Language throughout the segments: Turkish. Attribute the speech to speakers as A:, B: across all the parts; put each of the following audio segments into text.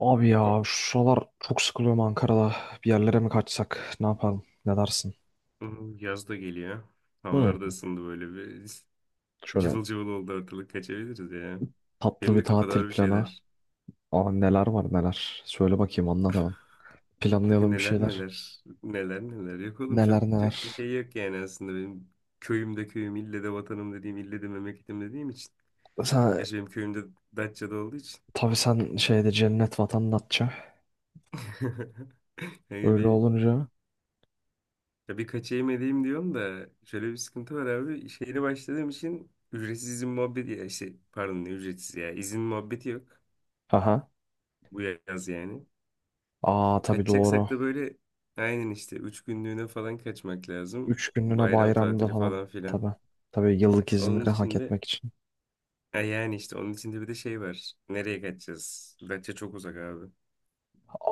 A: Abi ya şu sıralar çok sıkılıyorum Ankara'da. Bir yerlere mi kaçsak? Ne yapalım? Ne dersin?
B: Hmm, yaz da geliyor.
A: Hı.
B: Havalar da ısındı böyle bir.
A: Şöyle
B: Cıvıl cıvıl oldu ortalık, kaçabiliriz ya.
A: tatlı
B: Benim de
A: bir
B: kafada
A: tatil
B: var bir
A: planı.
B: şeyler.
A: Aa, neler var neler. Söyle bakayım, anlat hemen.
B: Bakın
A: Planlayalım bir
B: neler
A: şeyler.
B: neler. Neler neler. Yok oğlum,
A: Neler
B: çok, çok da
A: neler.
B: şey yok yani aslında benim köyümde köyüm, ille de vatanım dediğim, ille de memleketim dediğim için.
A: Sen,
B: Gerçi benim köyümde Datça'da olduğu için.
A: tabii sen şeyde cennet vatandaşça.
B: Yani
A: Öyle
B: bir,
A: olunca.
B: ya bir kaçayım edeyim diyorum da şöyle bir sıkıntı var abi. İş yerine başladığım için ücretsiz izin muhabbeti, ya işte pardon, ne ücretsiz ya izin muhabbeti yok
A: Aha.
B: bu yaz yani.
A: Aa, tabii doğru.
B: Kaçacaksak da böyle aynen işte 3 günlüğüne falan kaçmak lazım.
A: 3 günlüğüne
B: Bayram
A: bayramda
B: tatili
A: falan.
B: falan
A: Tabii.
B: filan.
A: Tabii yıllık
B: Onun
A: izinleri hak
B: için de
A: etmek için.
B: yani işte onun içinde bir de şey var. Nereye kaçacağız? Datça çok uzak abi.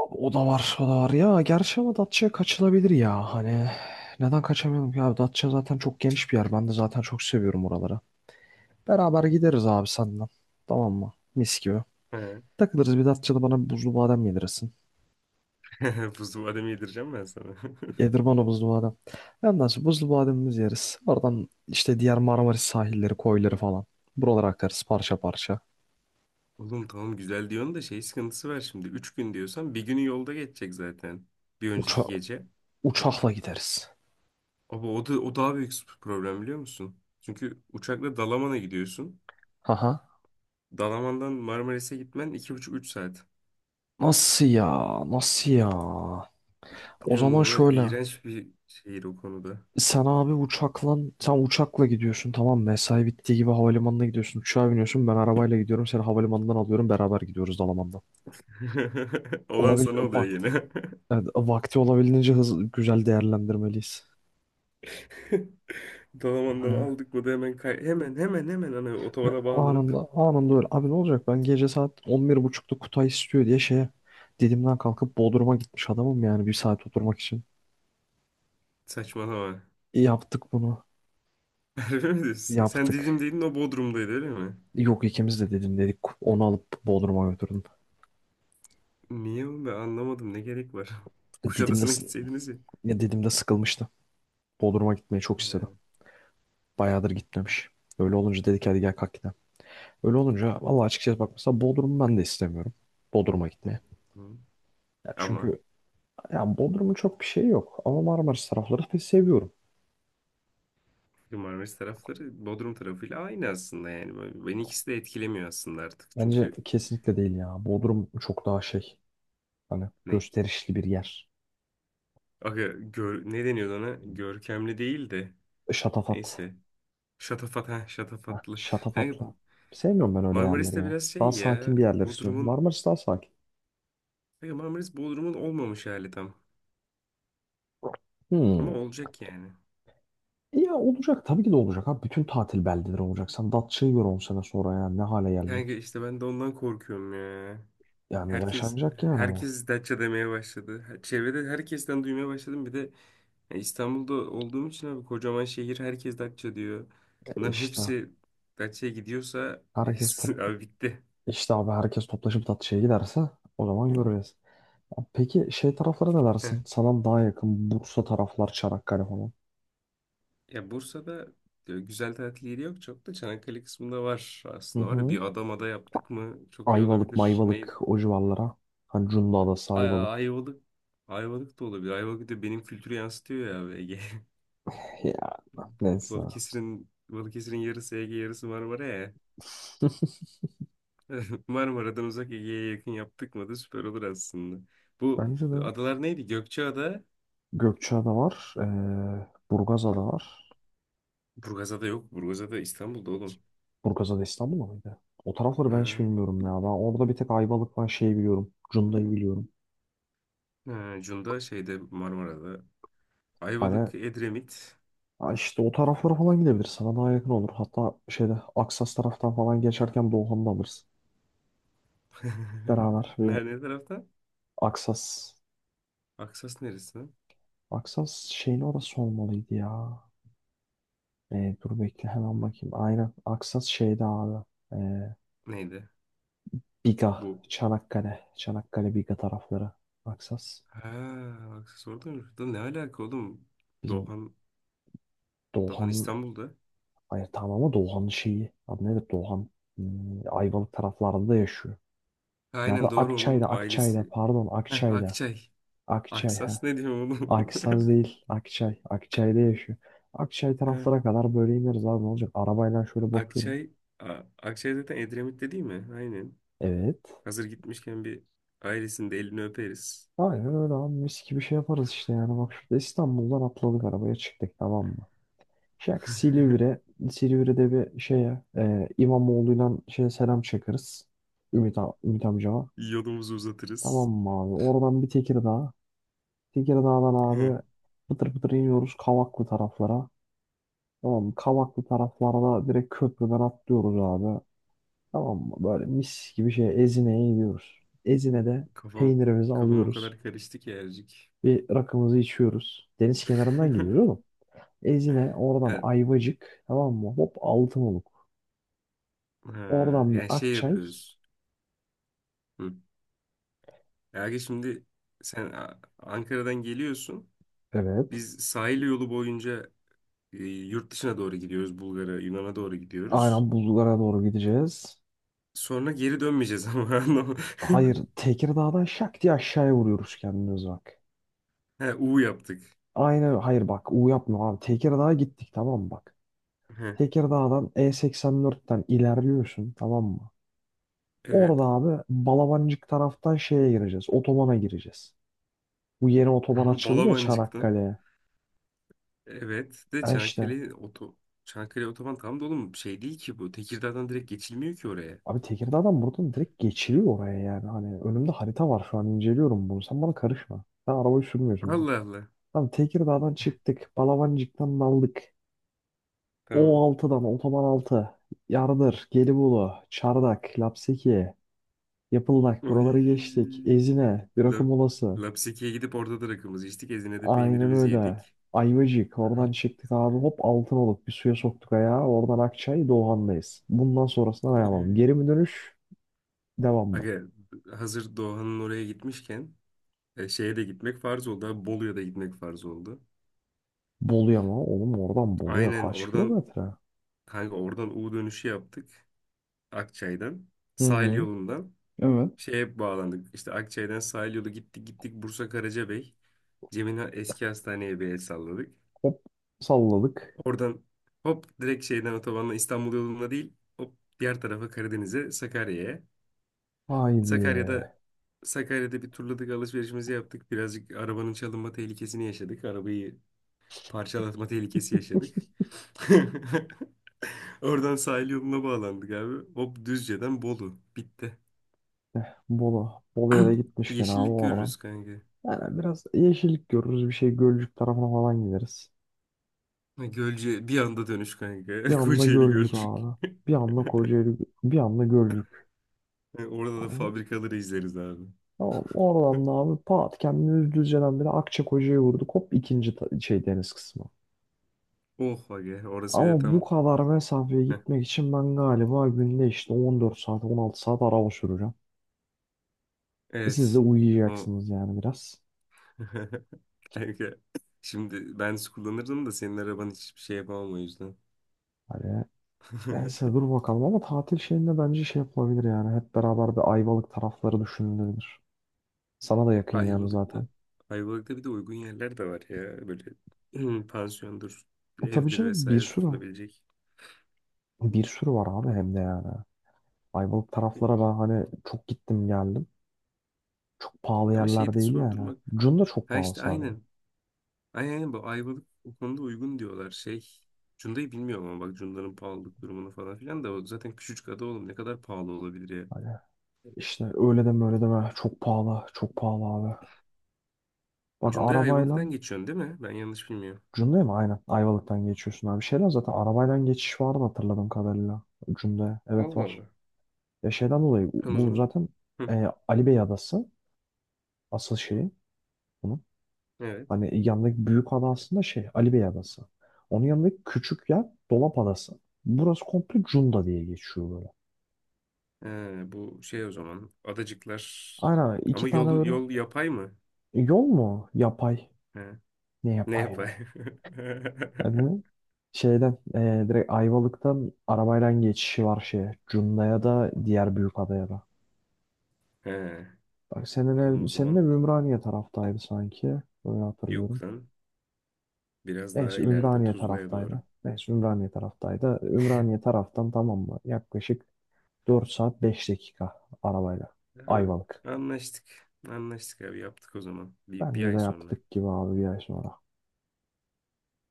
A: Abi, o da var, o da var. Ya gerçi ama Datça'ya kaçılabilir ya. Hani neden kaçamayalım ki abi? Datça zaten çok geniş bir yer. Ben de zaten çok seviyorum oraları. Beraber gideriz abi senden. Tamam mı? Mis gibi.
B: He.
A: Takılırız bir Datça'da, bana bir buzlu badem yedirirsin.
B: Buzlu badem yedireceğim ben sana.
A: Yedir bana buzlu badem. Ondan sonra buzlu bademimizi yeriz. Oradan işte diğer Marmaris sahilleri, koyları falan. Buralara akarız parça parça.
B: Oğlum tamam, güzel diyorsun da şey sıkıntısı var şimdi. 3 gün diyorsan bir günü yolda geçecek zaten. Bir
A: Uça
B: önceki gece.
A: uçakla gideriz.
B: Ama o daha büyük problem, biliyor musun? Çünkü uçakla Dalaman'a gidiyorsun.
A: Haha.
B: Dalaman'dan Marmaris'e gitmen 2,5-3 saat.
A: Nasıl ya? Nasıl ya? O
B: Ya
A: zaman
B: Muğla
A: şöyle.
B: iğrenç bir şehir o konuda.
A: Sen abi uçakla gidiyorsun, tamam mı? Mesai bittiği gibi havalimanına gidiyorsun, uçağa biniyorsun, ben arabayla gidiyorum, seni havalimanından alıyorum, beraber gidiyoruz Dalaman'dan.
B: Olan
A: Olabil
B: sana oluyor
A: vakti,
B: yine.
A: evet, vakti olabildiğince hızlı güzel değerlendirmeliyiz.
B: Dalaman'dan
A: Hani
B: aldık mı da hemen kay hemen hemen hemen hani otobana bağlanıp
A: anında öyle abi, ne olacak, ben gece saat 11.30'da Kutay istiyor diye şeye Didim'den kalkıp Bodrum'a gitmiş adamım, yani 1 saat oturmak için.
B: saçmalama.
A: Yaptık bunu,
B: Harbi mi diyorsun? Sen Didim
A: yaptık.
B: değilin, o Bodrum'daydı, öyle mi?
A: Yok, ikimiz de Didim dedik, onu alıp Bodrum'a götürdüm.
B: Niye oğlum, ben anlamadım ne gerek var.
A: Didim'de,
B: Kuşadası'na
A: s-
B: gitseydiniz ya.
A: ya Didim'de sıkılmıştı. Bodrum'a gitmeyi çok
B: He,
A: istedim. Bayağıdır gitmemiş. Öyle olunca dedik, hadi gel kalk gidelim. Öyle olunca valla açıkçası bak, mesela Bodrum'u ben de istemiyorum. Bodrum'a gitmeye.
B: hı.
A: Ya
B: Ama
A: çünkü ya Bodrum'un çok bir şey yok. Ama Marmaris tarafları pek seviyorum.
B: Marmaris tarafları Bodrum tarafıyla aynı aslında yani. Böyle- beni ikisi de etkilemiyor aslında artık.
A: Bence
B: Çünkü
A: kesinlikle değil ya. Bodrum çok daha şey. Hani
B: ne?
A: gösterişli bir yer.
B: Aga, gör, ne deniyordu ona? Görkemli değil de.
A: Şatafat.
B: Neyse. Şatafat, ha,
A: Ha,
B: şatafatlı. Yani
A: şatafatla. Sevmiyorum ben öyle
B: Marmaris
A: yerleri
B: de
A: ya.
B: biraz
A: Daha
B: şey ya,
A: sakin bir yerler istiyorum.
B: Bodrum'un,
A: Marmaris daha sakin.
B: kanka Marmaris Bodrum'un olmamış hali tam. Ama
A: Hmm.
B: olacak yani.
A: Ya olacak, tabii ki de olacak abi. Bütün tatil beldeleri olacak. Sen Datça'yı gör 10 sene sonra, ya ne hale
B: Kanka
A: gelecek.
B: işte ben de ondan korkuyorum ya.
A: Yani
B: Herkes
A: yaşanacak yani ama.
B: herkes Datça demeye başladı. Her- çevrede herkesten duymaya başladım. Bir de ya İstanbul'da olduğum için abi, kocaman şehir, herkes Datça diyor.
A: E
B: Bunların
A: İşte
B: hepsi Datça'ya gidiyorsa
A: herkes top
B: abi bitti.
A: işte abi herkes toplaşıp tatlıya giderse o zaman göreceğiz. Ya, peki şey taraflara ne dersin? Sana daha yakın Bursa taraflar, Çanakkale falan.
B: Ya Bursa'da güzel tatil yeri yok çok da, Çanakkale kısmında var,
A: Hı
B: aslında var. Ya,
A: hı.
B: bir Adamada yaptık mı çok iyi
A: Ayvalık,
B: olabilir. Ne?
A: Mayvalık o civarlara. Hani Cunda Adası, Ayvalık.
B: Ayvalık. Ayvalık da olabilir. Ayvalık da benim kültürü yansıtıyor ya abi, Ege.
A: Ya, neyse.
B: Balıkesir'in yarısı Ege, yarısı Marmara ya. Marmara'dan uzak, Ege'ye yakın yaptık mı da süper olur aslında. Bu
A: Bence de
B: adalar neydi? Gökçeada.
A: Gökçeada var. Burgazada var.
B: Burgazada yok. Burgazada İstanbul'da oğlum.
A: Burgazada İstanbul mıydı? O tarafları ben hiç
B: Ha.
A: bilmiyorum ya. Ben orada bir tek Ayvalık var şeyi biliyorum. Cunda'yı biliyorum.
B: Ha, Cunda şeyde Marmara'da.
A: Hani,
B: Ayvalık, Edremit.
A: ha işte o taraflara falan gidebiliriz. Sana daha yakın olur. Hatta şeyde Aksas taraftan falan geçerken Doğukan'ı da alırız. Beraber ve
B: Nerede tarafta?
A: Aksas.
B: Aksas neresi?
A: Aksas şeyin orası olmalıydı ya. Dur bekle, hemen
B: Hı,
A: bakayım. Aynen Aksas şeyde abi. Ee,
B: neydi?
A: Biga.
B: Bu.
A: Çanakkale. Çanakkale Biga tarafları. Aksas.
B: Ha, Aksas orada mı? Da ne alaka oğlum?
A: Bizim
B: Doğan, Doğan
A: Doğukan'ın.
B: İstanbul'da.
A: Hayır tamam, ama Doğukan'ın şeyi. Adı nedir? Doğukan Ayvalık taraflarında yaşıyor. Nerede?
B: Aynen doğru, onun
A: Akçay'da. Akçay'da.
B: ailesi.
A: Pardon,
B: Heh,
A: Akçay'da.
B: Akçay.
A: Akçay. He.
B: Aksas ne diyor oğlum?
A: Akisaz değil. Akçay. Akçay'da yaşıyor. Akçay
B: Heh,
A: taraflara kadar böyle ineriz abi, ne olacak? Arabayla şöyle bakıyorum.
B: Akçay. Akçay zaten Edremit'te değil mi? Aynen.
A: Evet.
B: Hazır gitmişken bir ailesinin de elini öperiz.
A: Aynen öyle abi, mis gibi şey yaparız işte, yani bak şurada İstanbul'dan atladık arabaya, çıktık, tamam mı? Şak Silivri, Silivri'de bir şeye İmamoğlu'yla şeye selam çakırız. Ümit amcama.
B: Yolumuzu
A: Tamam
B: uzatırız.
A: mı abi? Oradan bir Tekirdağ. Tekirdağ'dan
B: Heh,
A: abi pıtır pıtır iniyoruz Kavaklı taraflara. Tamam mı? Kavaklı taraflarda direkt köprüden atlıyoruz abi. Tamam mı? Böyle mis gibi şey Ezine'ye gidiyoruz. Ezine'de
B: Kafam,
A: peynirimizi
B: kafam o
A: alıyoruz.
B: kadar karıştı ki Ercik.
A: Bir rakımızı içiyoruz. Deniz kenarından gidiyoruz, oğlum. Ezine oradan
B: Evet.
A: Ayvacık, tamam mı? Hop Altınoluk.
B: Ha,
A: Oradan bir
B: yani şey
A: Akçay.
B: yapıyoruz. Hı. Yani şimdi sen Ankara'dan geliyorsun.
A: Evet.
B: Biz sahil yolu boyunca yurt dışına doğru gidiyoruz. Bulgar'a, Yunan'a doğru gidiyoruz.
A: Aynen buzlara doğru gideceğiz.
B: Sonra geri dönmeyeceğiz ama. Anladın mı?
A: Hayır, Tekirdağ'dan şak diye aşağıya vuruyoruz kendimiz, bak.
B: He, U yaptık.
A: Aynen hayır, bak, U yapma abi. Tekirdağ'a gittik, tamam mı, bak.
B: He,
A: Tekirdağ'dan E84'ten ilerliyorsun, tamam mı?
B: evet.
A: Orada abi Balabancık taraftan şeye gireceğiz. Otobana gireceğiz. Bu yeni otoban
B: Tamam,
A: açıldı ya
B: Balabancık'tan.
A: Çanakkale'ye.
B: Evet. De
A: Ha işte.
B: Çanakkale oto Çanakkale otoban tam dolu mu? Şey değil ki bu. Tekirdağ'dan direkt geçilmiyor ki oraya.
A: Abi Tekirdağ'dan buradan direkt geçiliyor oraya yani. Hani önümde harita var şu an, inceliyorum bunu. Sen bana karışma. Sen arabayı sürmüyorsun bile.
B: Allah Allah.
A: Tamam, Tekirdağ'dan çıktık. Balabancık'tan daldık.
B: Tamam.
A: O6'dan otoban 6, Yardır, Gelibolu, Çardak, Lapseki, Yapıldak, buraları
B: Oy.
A: geçtik. Ezine, Birakı
B: Lab,
A: Molası.
B: Lapseki'ye gidip orada da rakımızı içtik. Ezine'de
A: Aynen
B: peynirimizi
A: öyle.
B: yedik.
A: Ayvacık. Oradan çıktık abi. Hop altın olup bir suya soktuk ayağı. Oradan Akçay Doğan'dayız. Bundan sonrasına ne yapalım? Geri mi
B: Oy.
A: dönüş? Devam mı?
B: Aga hazır Doğan'ın oraya gitmişken şeye de gitmek farz oldu. Abi, Bolu'ya da gitmek farz oldu.
A: Bolu'ya mı? Oğlum oradan Bolu'ya
B: Aynen
A: kaç
B: oradan,
A: kilometre?
B: kanka oradan U dönüşü yaptık. Akçay'dan.
A: Hı
B: Sahil
A: hı.
B: yolundan
A: Evet.
B: şeye bağlandık. İşte Akçay'dan sahil yolu gittik gittik Bursa Karacabey. Cem'in eski hastaneye bir el salladık.
A: Hop salladık.
B: Oradan hop direkt şeyden otobanla İstanbul yoluna değil, hop diğer tarafa Karadeniz'e, Sakarya'ya.
A: Haydi.
B: Sakarya'da Sakarya'da bir turladık, alışverişimizi yaptık. Birazcık arabanın çalınma tehlikesini yaşadık. Arabayı parçalatma tehlikesi yaşadık. Oradan sahil yoluna bağlandık abi. Hop Düzce'den Bolu. Bitti.
A: Bolu. Bolu'ya da gitmişken abi
B: Yeşillik
A: oradan.
B: görürüz kanka.
A: Yani biraz yeşillik görürüz. Bir şey Gölcük tarafına falan gideriz.
B: Ha, Gölcük bir anda dönüş
A: Bir
B: kanka.
A: anda
B: Kocaeli
A: Gölcük
B: Gölcük.
A: abi. Bir anda Kocaeli. Bir anda Gölcük.
B: Ha, orada da
A: Yani
B: fabrikaları izleriz abi.
A: tamam, oradan da abi pat kendini düzceden bile Akçakoca'ya vurduk. Hop ikinci ta- şey deniz kısmı.
B: Oh aga, orası bir de
A: Ama bu
B: tam
A: kadar mesafeye gitmek için ben galiba günde işte 14 saat 16 saat araba süreceğim. Siz de
B: evet. O.
A: uyuyacaksınız yani biraz.
B: Kanka. Şimdi ben kullanırdım da senin araban, hiçbir şey yapamam o yüzden.
A: Hani neyse, dur bakalım, ama tatil şeyinde bence şey yapılabilir yani. Hep beraber bir Ayvalık tarafları düşünülebilir. Sana da yakın yani
B: Ayvalık'ta.
A: zaten.
B: Ayvalık'ta bir de uygun yerler de var ya. Böyle pansiyondur,
A: E tabii
B: evdir
A: canım, bir
B: vesaire
A: sürü.
B: tutulabilecek.
A: Bir sürü var abi,
B: Hı.
A: hem de yani. Ayvalık taraflara ben hani çok gittim geldim. Çok pahalı
B: Ama şeyi
A: yerler
B: de
A: değil yani.
B: sordurmak.
A: Cunda çok
B: Ha
A: pahalı
B: işte
A: sadece.
B: aynen. Aynen aynen, bu Ayvalık o konuda uygun diyorlar. Şey Cunda'yı bilmiyorum ama bak Cunda'nın pahalılık durumunu falan filan da, o zaten küçücük ada oğlum, ne kadar pahalı olabilir ya.
A: Hani işte, öyle deme, öyle deme. Çok pahalı. Çok pahalı abi. Bak
B: Cunda'ya
A: arabayla
B: Ayvalık'tan geçiyorsun değil mi? Ben yanlış bilmiyorum.
A: Cunda'ya mı? Aynen. Ayvalık'tan geçiyorsun abi. Şeyden zaten arabayla geçiş vardı hatırladığım kadarıyla. Cunda'ya. Evet
B: Allah
A: var.
B: Allah.
A: Ya şeyden dolayı
B: Tamam o
A: bu
B: zaman.
A: zaten
B: Hı,
A: Ali Bey Adası. Asıl şeyi bunun.
B: evet.
A: Hani yanındaki büyük ada aslında şey Ali Bey Adası. Onun yanındaki küçük yer Dolap Adası. Burası komple Cunda diye geçiyor böyle.
B: Bu şey o zaman. Adacıklar.
A: Aynen iki
B: Ama
A: tane
B: yol,
A: böyle.
B: yol yapay mı?
A: Yol mu? Yapay.
B: He,
A: Ne
B: ne
A: yapayım?
B: yapay?
A: Abi şeyden direkt Ayvalık'tan arabayla geçişi var şeye. Cunda'ya da diğer büyük adaya da.
B: He.
A: Bak, senin
B: O
A: ev, senin
B: zaman
A: ev Ümraniye taraftaydı sanki. Öyle
B: yok
A: hatırlıyorum.
B: lan. Biraz daha
A: Neyse
B: ileride
A: Ümraniye
B: Tuzla'ya
A: taraftaydı.
B: doğru.
A: Neyse Ümraniye taraftaydı. Ümraniye taraftan, tamam mı? Yaklaşık 4 saat 5 dakika arabayla.
B: Abi,
A: Ayvalık.
B: anlaştık. Anlaştık abi, yaptık o zaman. Bir
A: Bence de
B: ay sonra.
A: yaptık gibi abi 1 ay sonra.